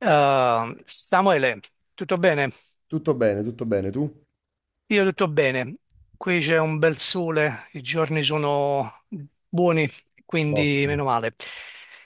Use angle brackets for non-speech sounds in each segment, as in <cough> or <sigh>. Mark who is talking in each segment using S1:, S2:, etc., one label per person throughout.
S1: Samuele, tutto bene?
S2: Tutto bene, tu?
S1: Io tutto bene. Qui c'è un bel sole, i giorni sono buoni, quindi
S2: Ottimo.
S1: meno male.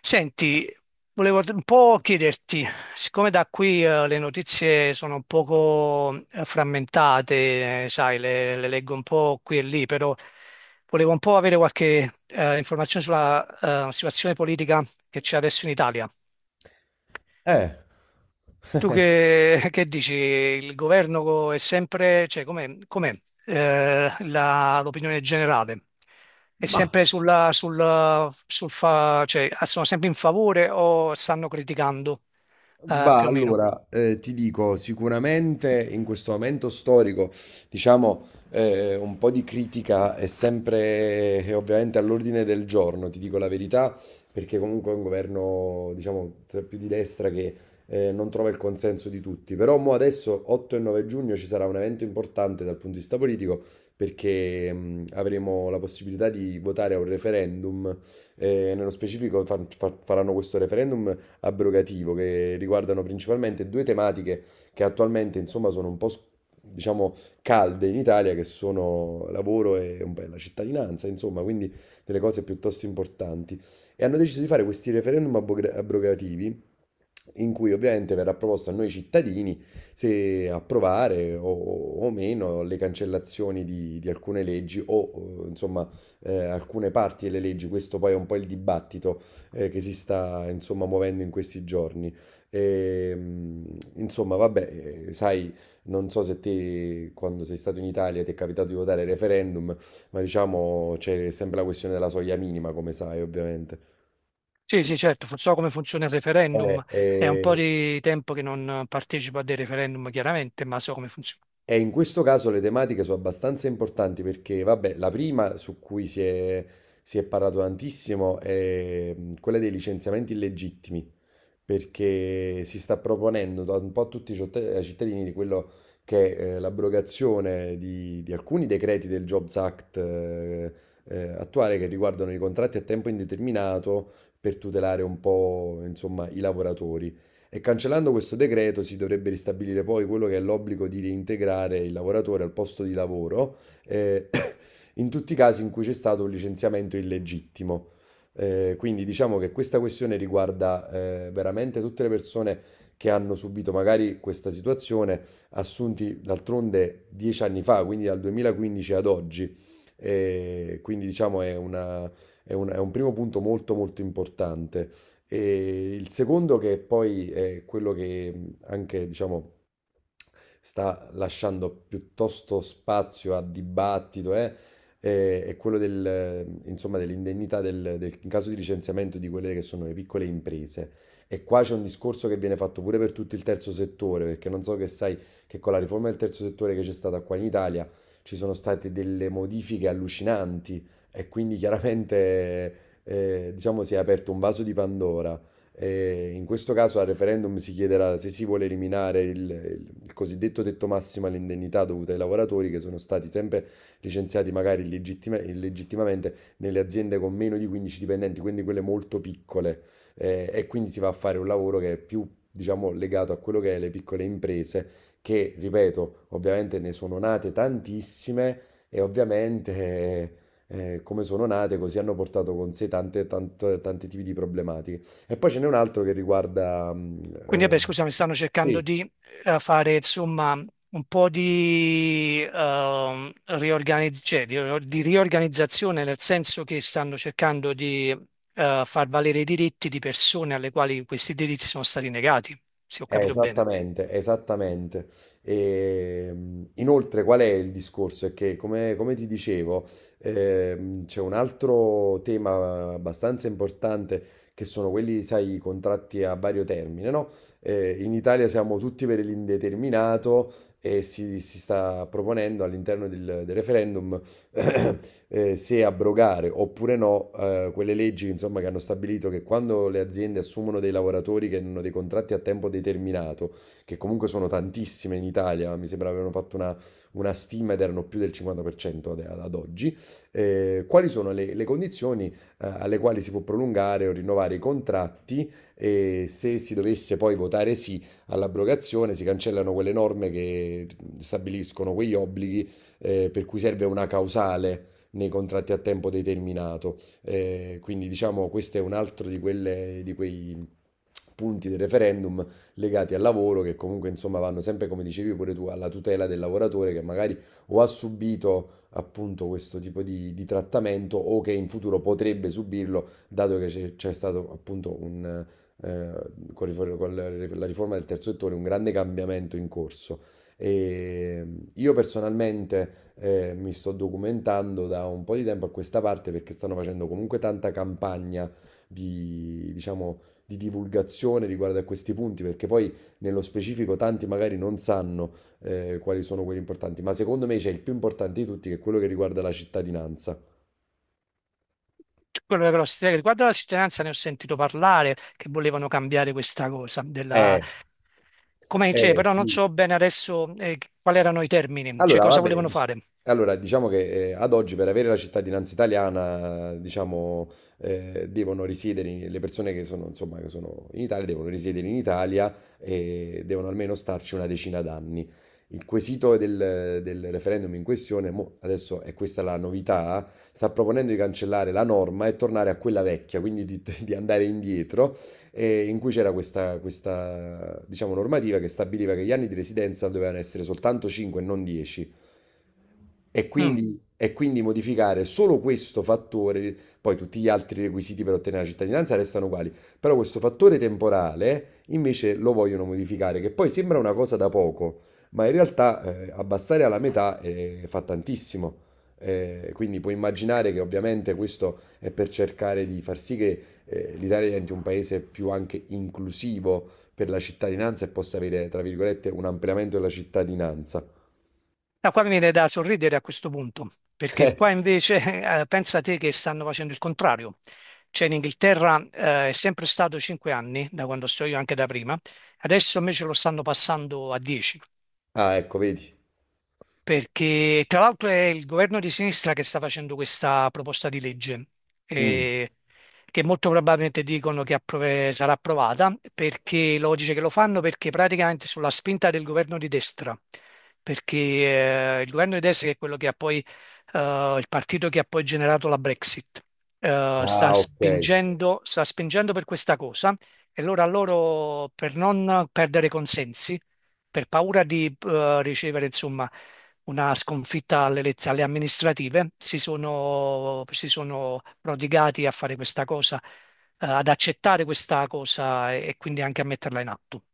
S1: Senti, volevo un po' chiederti, siccome da qui le notizie sono un poco frammentate, sai, le leggo un po' qui e lì, però volevo un po' avere qualche informazione sulla situazione politica che c'è adesso in Italia.
S2: Eh,
S1: Tu
S2: <laughs>
S1: che dici? È sempre, cioè com'è, l'opinione generale? È
S2: ma
S1: sempre cioè, sono sempre in favore o stanno criticando,
S2: Bah,
S1: più o meno?
S2: allora, ti dico, sicuramente in questo momento storico, diciamo, un po' di critica è sempre ovviamente all'ordine del giorno, ti dico la verità, perché comunque è un governo, diciamo, più di destra che non trova il consenso di tutti. Però mo adesso, 8 e 9 giugno, ci sarà un evento importante dal punto di vista politico, perché avremo la possibilità di votare a un referendum. Nello specifico faranno questo referendum abrogativo che riguardano principalmente due tematiche che attualmente insomma sono un po' diciamo calde in Italia che sono lavoro e un po' la cittadinanza, insomma, quindi delle cose piuttosto importanti e hanno deciso di fare questi referendum abrogativi in cui ovviamente verrà proposto a noi cittadini se approvare o meno le cancellazioni di alcune leggi o insomma alcune parti delle leggi. Questo poi è un po' il dibattito che si sta insomma muovendo in questi giorni. E, insomma, vabbè, sai, non so se te quando sei stato in Italia ti è capitato di votare il referendum, ma diciamo c'è sempre la questione della soglia minima, come sai, ovviamente.
S1: Sì, sì, certo, so come funziona il referendum, è un
S2: Eh.
S1: po' di tempo che non partecipo a dei referendum, chiaramente, ma so come funziona.
S2: E in questo caso le tematiche sono abbastanza importanti perché, vabbè, la prima su cui si è parlato tantissimo è quella dei licenziamenti illegittimi, perché si sta proponendo da un po' a tutti i ai cittadini di quello che è l'abrogazione di alcuni decreti del Jobs Act attuale che riguardano i contratti a tempo indeterminato per tutelare un po', insomma, i lavoratori. E cancellando questo decreto si dovrebbe ristabilire poi quello che è l'obbligo di reintegrare il lavoratore al posto di lavoro eh, <coughs> in tutti i casi in cui c'è stato un licenziamento illegittimo. Quindi diciamo che questa questione riguarda veramente tutte le persone che hanno subito magari questa situazione, assunti d'altronde 10 anni fa, quindi dal 2015 ad oggi. Quindi diciamo è un primo punto molto molto importante. E il secondo, che poi è quello che anche, diciamo, sta lasciando piuttosto spazio a dibattito, è quello del, insomma, dell'indennità in caso di licenziamento di quelle che sono le piccole imprese. E qua c'è un discorso che viene fatto pure per tutto il terzo settore, perché non so che sai che con la riforma del terzo settore che c'è stata qua in Italia ci sono state delle modifiche allucinanti e quindi chiaramente, diciamo, si è aperto un vaso di Pandora. E in questo caso al referendum si chiederà se si vuole eliminare il cosiddetto tetto massimo all'indennità dovuta ai lavoratori che sono stati sempre licenziati magari illegittimamente nelle aziende con meno di 15 dipendenti, quindi quelle molto piccole. E quindi si va a fare un lavoro che è più, diciamo, legato a quello che è le piccole imprese, che, ripeto, ovviamente ne sono nate tantissime e ovviamente... come sono nate, così hanno portato con sé tanti tipi di problematiche. E poi ce n'è un altro che riguarda...
S1: Quindi,
S2: eh,
S1: vabbè, scusami, stanno cercando
S2: sì,
S1: di fare, insomma, un po' di, cioè, di riorganizzazione, nel senso che stanno cercando di far valere i diritti di persone alle quali questi diritti sono stati negati, se ho capito bene.
S2: esattamente, esattamente. E, inoltre, qual è il discorso? È che, come ti dicevo, c'è un altro tema abbastanza importante che sono quelli, sai, i contratti a vario termine, no? In Italia siamo tutti per l'indeterminato e si sta proponendo all'interno del referendum <clears throat> se abrogare oppure no quelle leggi, insomma, che hanno stabilito che quando le aziende assumono dei lavoratori che hanno dei contratti a tempo determinato, che comunque sono tantissime in Italia, mi sembra avevano fatto una stima ed erano più del 50% ad oggi, quali sono le condizioni alle quali si può prolungare o rinnovare i contratti e se si dovesse poi votare sì all'abrogazione, si cancellano quelle norme che stabiliscono quegli obblighi per cui serve una causale nei contratti a tempo determinato. Quindi diciamo questo è un altro di, di quei punti del referendum legati al lavoro che comunque insomma vanno sempre come dicevi pure tu alla tutela del lavoratore che magari o ha subito appunto questo tipo di trattamento o che in futuro potrebbe subirlo dato che c'è stato appunto eh, con la riforma del terzo settore un grande cambiamento in corso e io personalmente mi sto documentando da un po' di tempo a questa parte perché stanno facendo comunque tanta campagna di, diciamo, di divulgazione riguardo a questi punti, perché poi nello specifico tanti magari non sanno quali sono quelli importanti, ma secondo me c'è il più importante di tutti che è quello che riguarda la cittadinanza.
S1: Quello che però riguardo alla cittadinanza ne ho sentito parlare, che volevano cambiare questa cosa, della...
S2: Eh,
S1: Come, cioè,
S2: Eh
S1: però non
S2: sì.
S1: so bene adesso quali erano i termini, cioè
S2: Allora,
S1: cosa
S2: vabbè,
S1: volevano fare.
S2: allora, diciamo che ad oggi per avere la cittadinanza italiana, diciamo, devono risiedere, le persone che sono, insomma, che sono in Italia devono risiedere in Italia e devono almeno starci una decina d'anni. Il quesito del referendum in questione, mo, adesso è questa la novità, sta proponendo di cancellare la norma e tornare a quella vecchia, quindi di, <laughs> di andare indietro in cui c'era questa, diciamo, normativa che stabiliva che gli anni di residenza dovevano essere soltanto 5 e non 10.
S1: Mm.
S2: E quindi modificare solo questo fattore, poi tutti gli altri requisiti per ottenere la cittadinanza restano uguali, però questo fattore temporale invece lo vogliono modificare, che poi sembra una cosa da poco, ma in realtà abbassare alla metà fa tantissimo. Quindi puoi immaginare che ovviamente questo è per cercare di far sì che l'Italia diventi un paese più anche inclusivo per la cittadinanza e possa avere, tra virgolette, un ampliamento della cittadinanza. <laughs>
S1: No, qua mi viene da sorridere a questo punto, perché
S2: Eh.
S1: qua invece <laughs> pensa te che stanno facendo il contrario. Cioè in Inghilterra è sempre stato 5 anni, da quando sto io anche da prima, adesso invece lo stanno passando a 10,
S2: Ah, ecco, vedi.
S1: perché tra l'altro è il governo di sinistra che sta facendo questa proposta di legge,
S2: Mm.
S1: eh, che molto probabilmente dicono che sarà approvata, perché logiche che lo fanno perché praticamente sulla spinta del governo di destra, perché il governo di destra che è quello che ha poi, il partito che ha poi generato la Brexit,
S2: Ah, ok.
S1: sta spingendo per questa cosa e allora loro per non perdere consensi, per paura di ricevere insomma una sconfitta alle amministrative, si sono prodigati a fare questa cosa, ad accettare questa cosa e quindi anche a metterla in atto.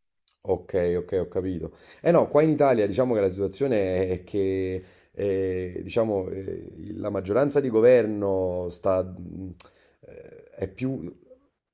S2: Ok, ok, ho capito. Eh no, qua in Italia diciamo che la situazione è che diciamo, la maggioranza di governo è più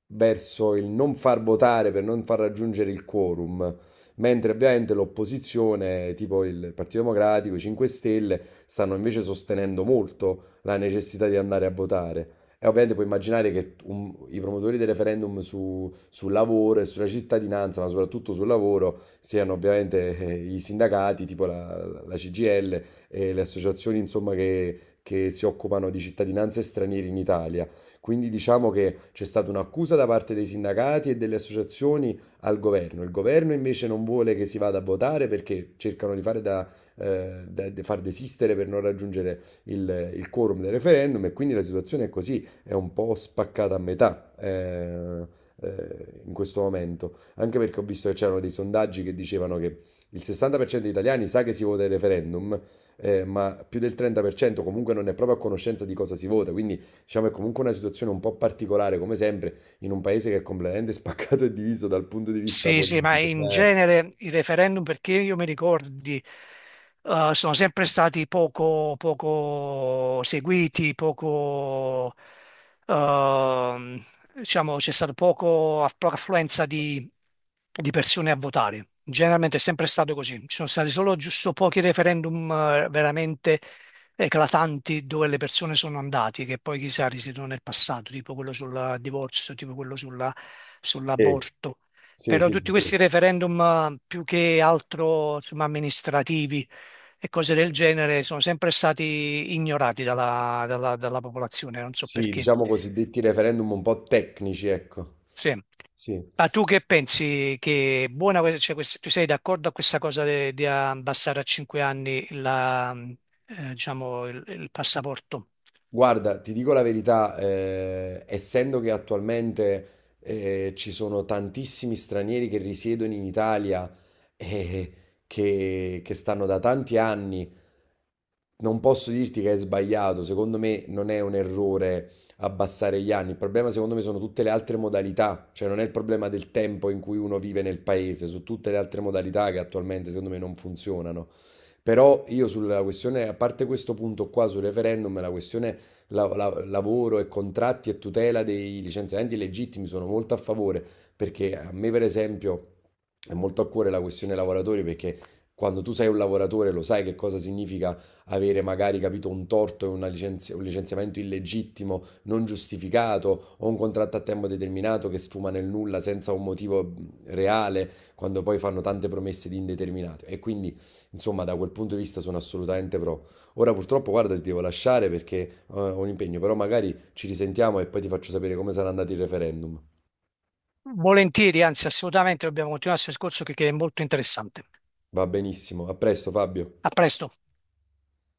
S2: verso il non far votare per non far raggiungere il quorum, mentre ovviamente l'opposizione, tipo il Partito Democratico, i 5 Stelle, stanno invece sostenendo molto la necessità di andare a votare. E ovviamente puoi immaginare che i promotori del referendum sul lavoro e sulla cittadinanza, ma soprattutto sul lavoro, siano ovviamente i sindacati, tipo la CGL e le associazioni, insomma, che si occupano di cittadinanze stranieri in Italia. Quindi diciamo che c'è stata un'accusa da parte dei sindacati e delle associazioni al governo. Il governo invece non vuole che si vada a votare perché cercano di fare di far desistere per non raggiungere il quorum del referendum e quindi la situazione è così è un po' spaccata a metà in questo momento, anche perché ho visto che c'erano dei sondaggi che dicevano che il 60% degli italiani sa che si vota il referendum, ma più del 30% comunque non è proprio a conoscenza di cosa si vota, quindi diciamo è comunque una situazione un po' particolare, come sempre, in un paese che è completamente <laughs> spaccato e diviso dal punto di vista
S1: Sì, sì, ma
S2: politico.
S1: in genere i referendum, perché io mi ricordi, sono sempre stati poco, poco seguiti, poco, ehm, diciamo, c'è stata poco, poca affluenza di persone a votare. Generalmente è sempre stato così. Ci sono stati solo giusto pochi referendum veramente eclatanti dove le persone sono andate, che poi chissà risiedono nel passato, tipo quello sul divorzio, tipo
S2: Eh, eh,
S1: sull'aborto.
S2: sì,
S1: Però
S2: sì, sì,
S1: tutti
S2: sì.
S1: questi referendum più che altro insomma, amministrativi e cose del genere sono sempre stati ignorati dalla popolazione, non so
S2: Sì,
S1: perché.
S2: diciamo cosiddetti referendum un po' tecnici, ecco.
S1: Sì.
S2: Sì.
S1: Ma tu che pensi che è buona, cioè, tu sei d'accordo a questa cosa di abbassare a 5 anni la, diciamo, il passaporto?
S2: Guarda, ti dico la verità, essendo che attualmente ci sono tantissimi stranieri che risiedono in Italia e che stanno da tanti anni non posso dirti che è sbagliato, secondo me non è un errore abbassare gli anni, il problema secondo me sono tutte le altre modalità, cioè non è il problema del tempo in cui uno vive nel paese, su tutte le altre modalità che attualmente secondo me non funzionano. Però io sulla questione, a parte questo punto qua sul referendum, la questione lavoro e contratti e tutela dei licenziamenti legittimi sono molto a favore, perché a me per esempio è molto a cuore la questione lavoratori, perché quando tu sei un lavoratore lo sai che cosa significa avere magari capito un torto e un licenziamento illegittimo, non giustificato, o un contratto a tempo determinato che sfuma nel nulla senza un motivo reale, quando poi fanno tante promesse di indeterminato. E quindi, insomma, da quel punto di vista sono assolutamente pro. Ora purtroppo, guarda, ti devo lasciare perché ho un impegno, però magari ci risentiamo e poi ti faccio sapere come sarà andato il referendum.
S1: Volentieri, anzi assolutamente, dobbiamo continuare questo discorso che è molto interessante.
S2: Va benissimo, a presto Fabio.
S1: A presto.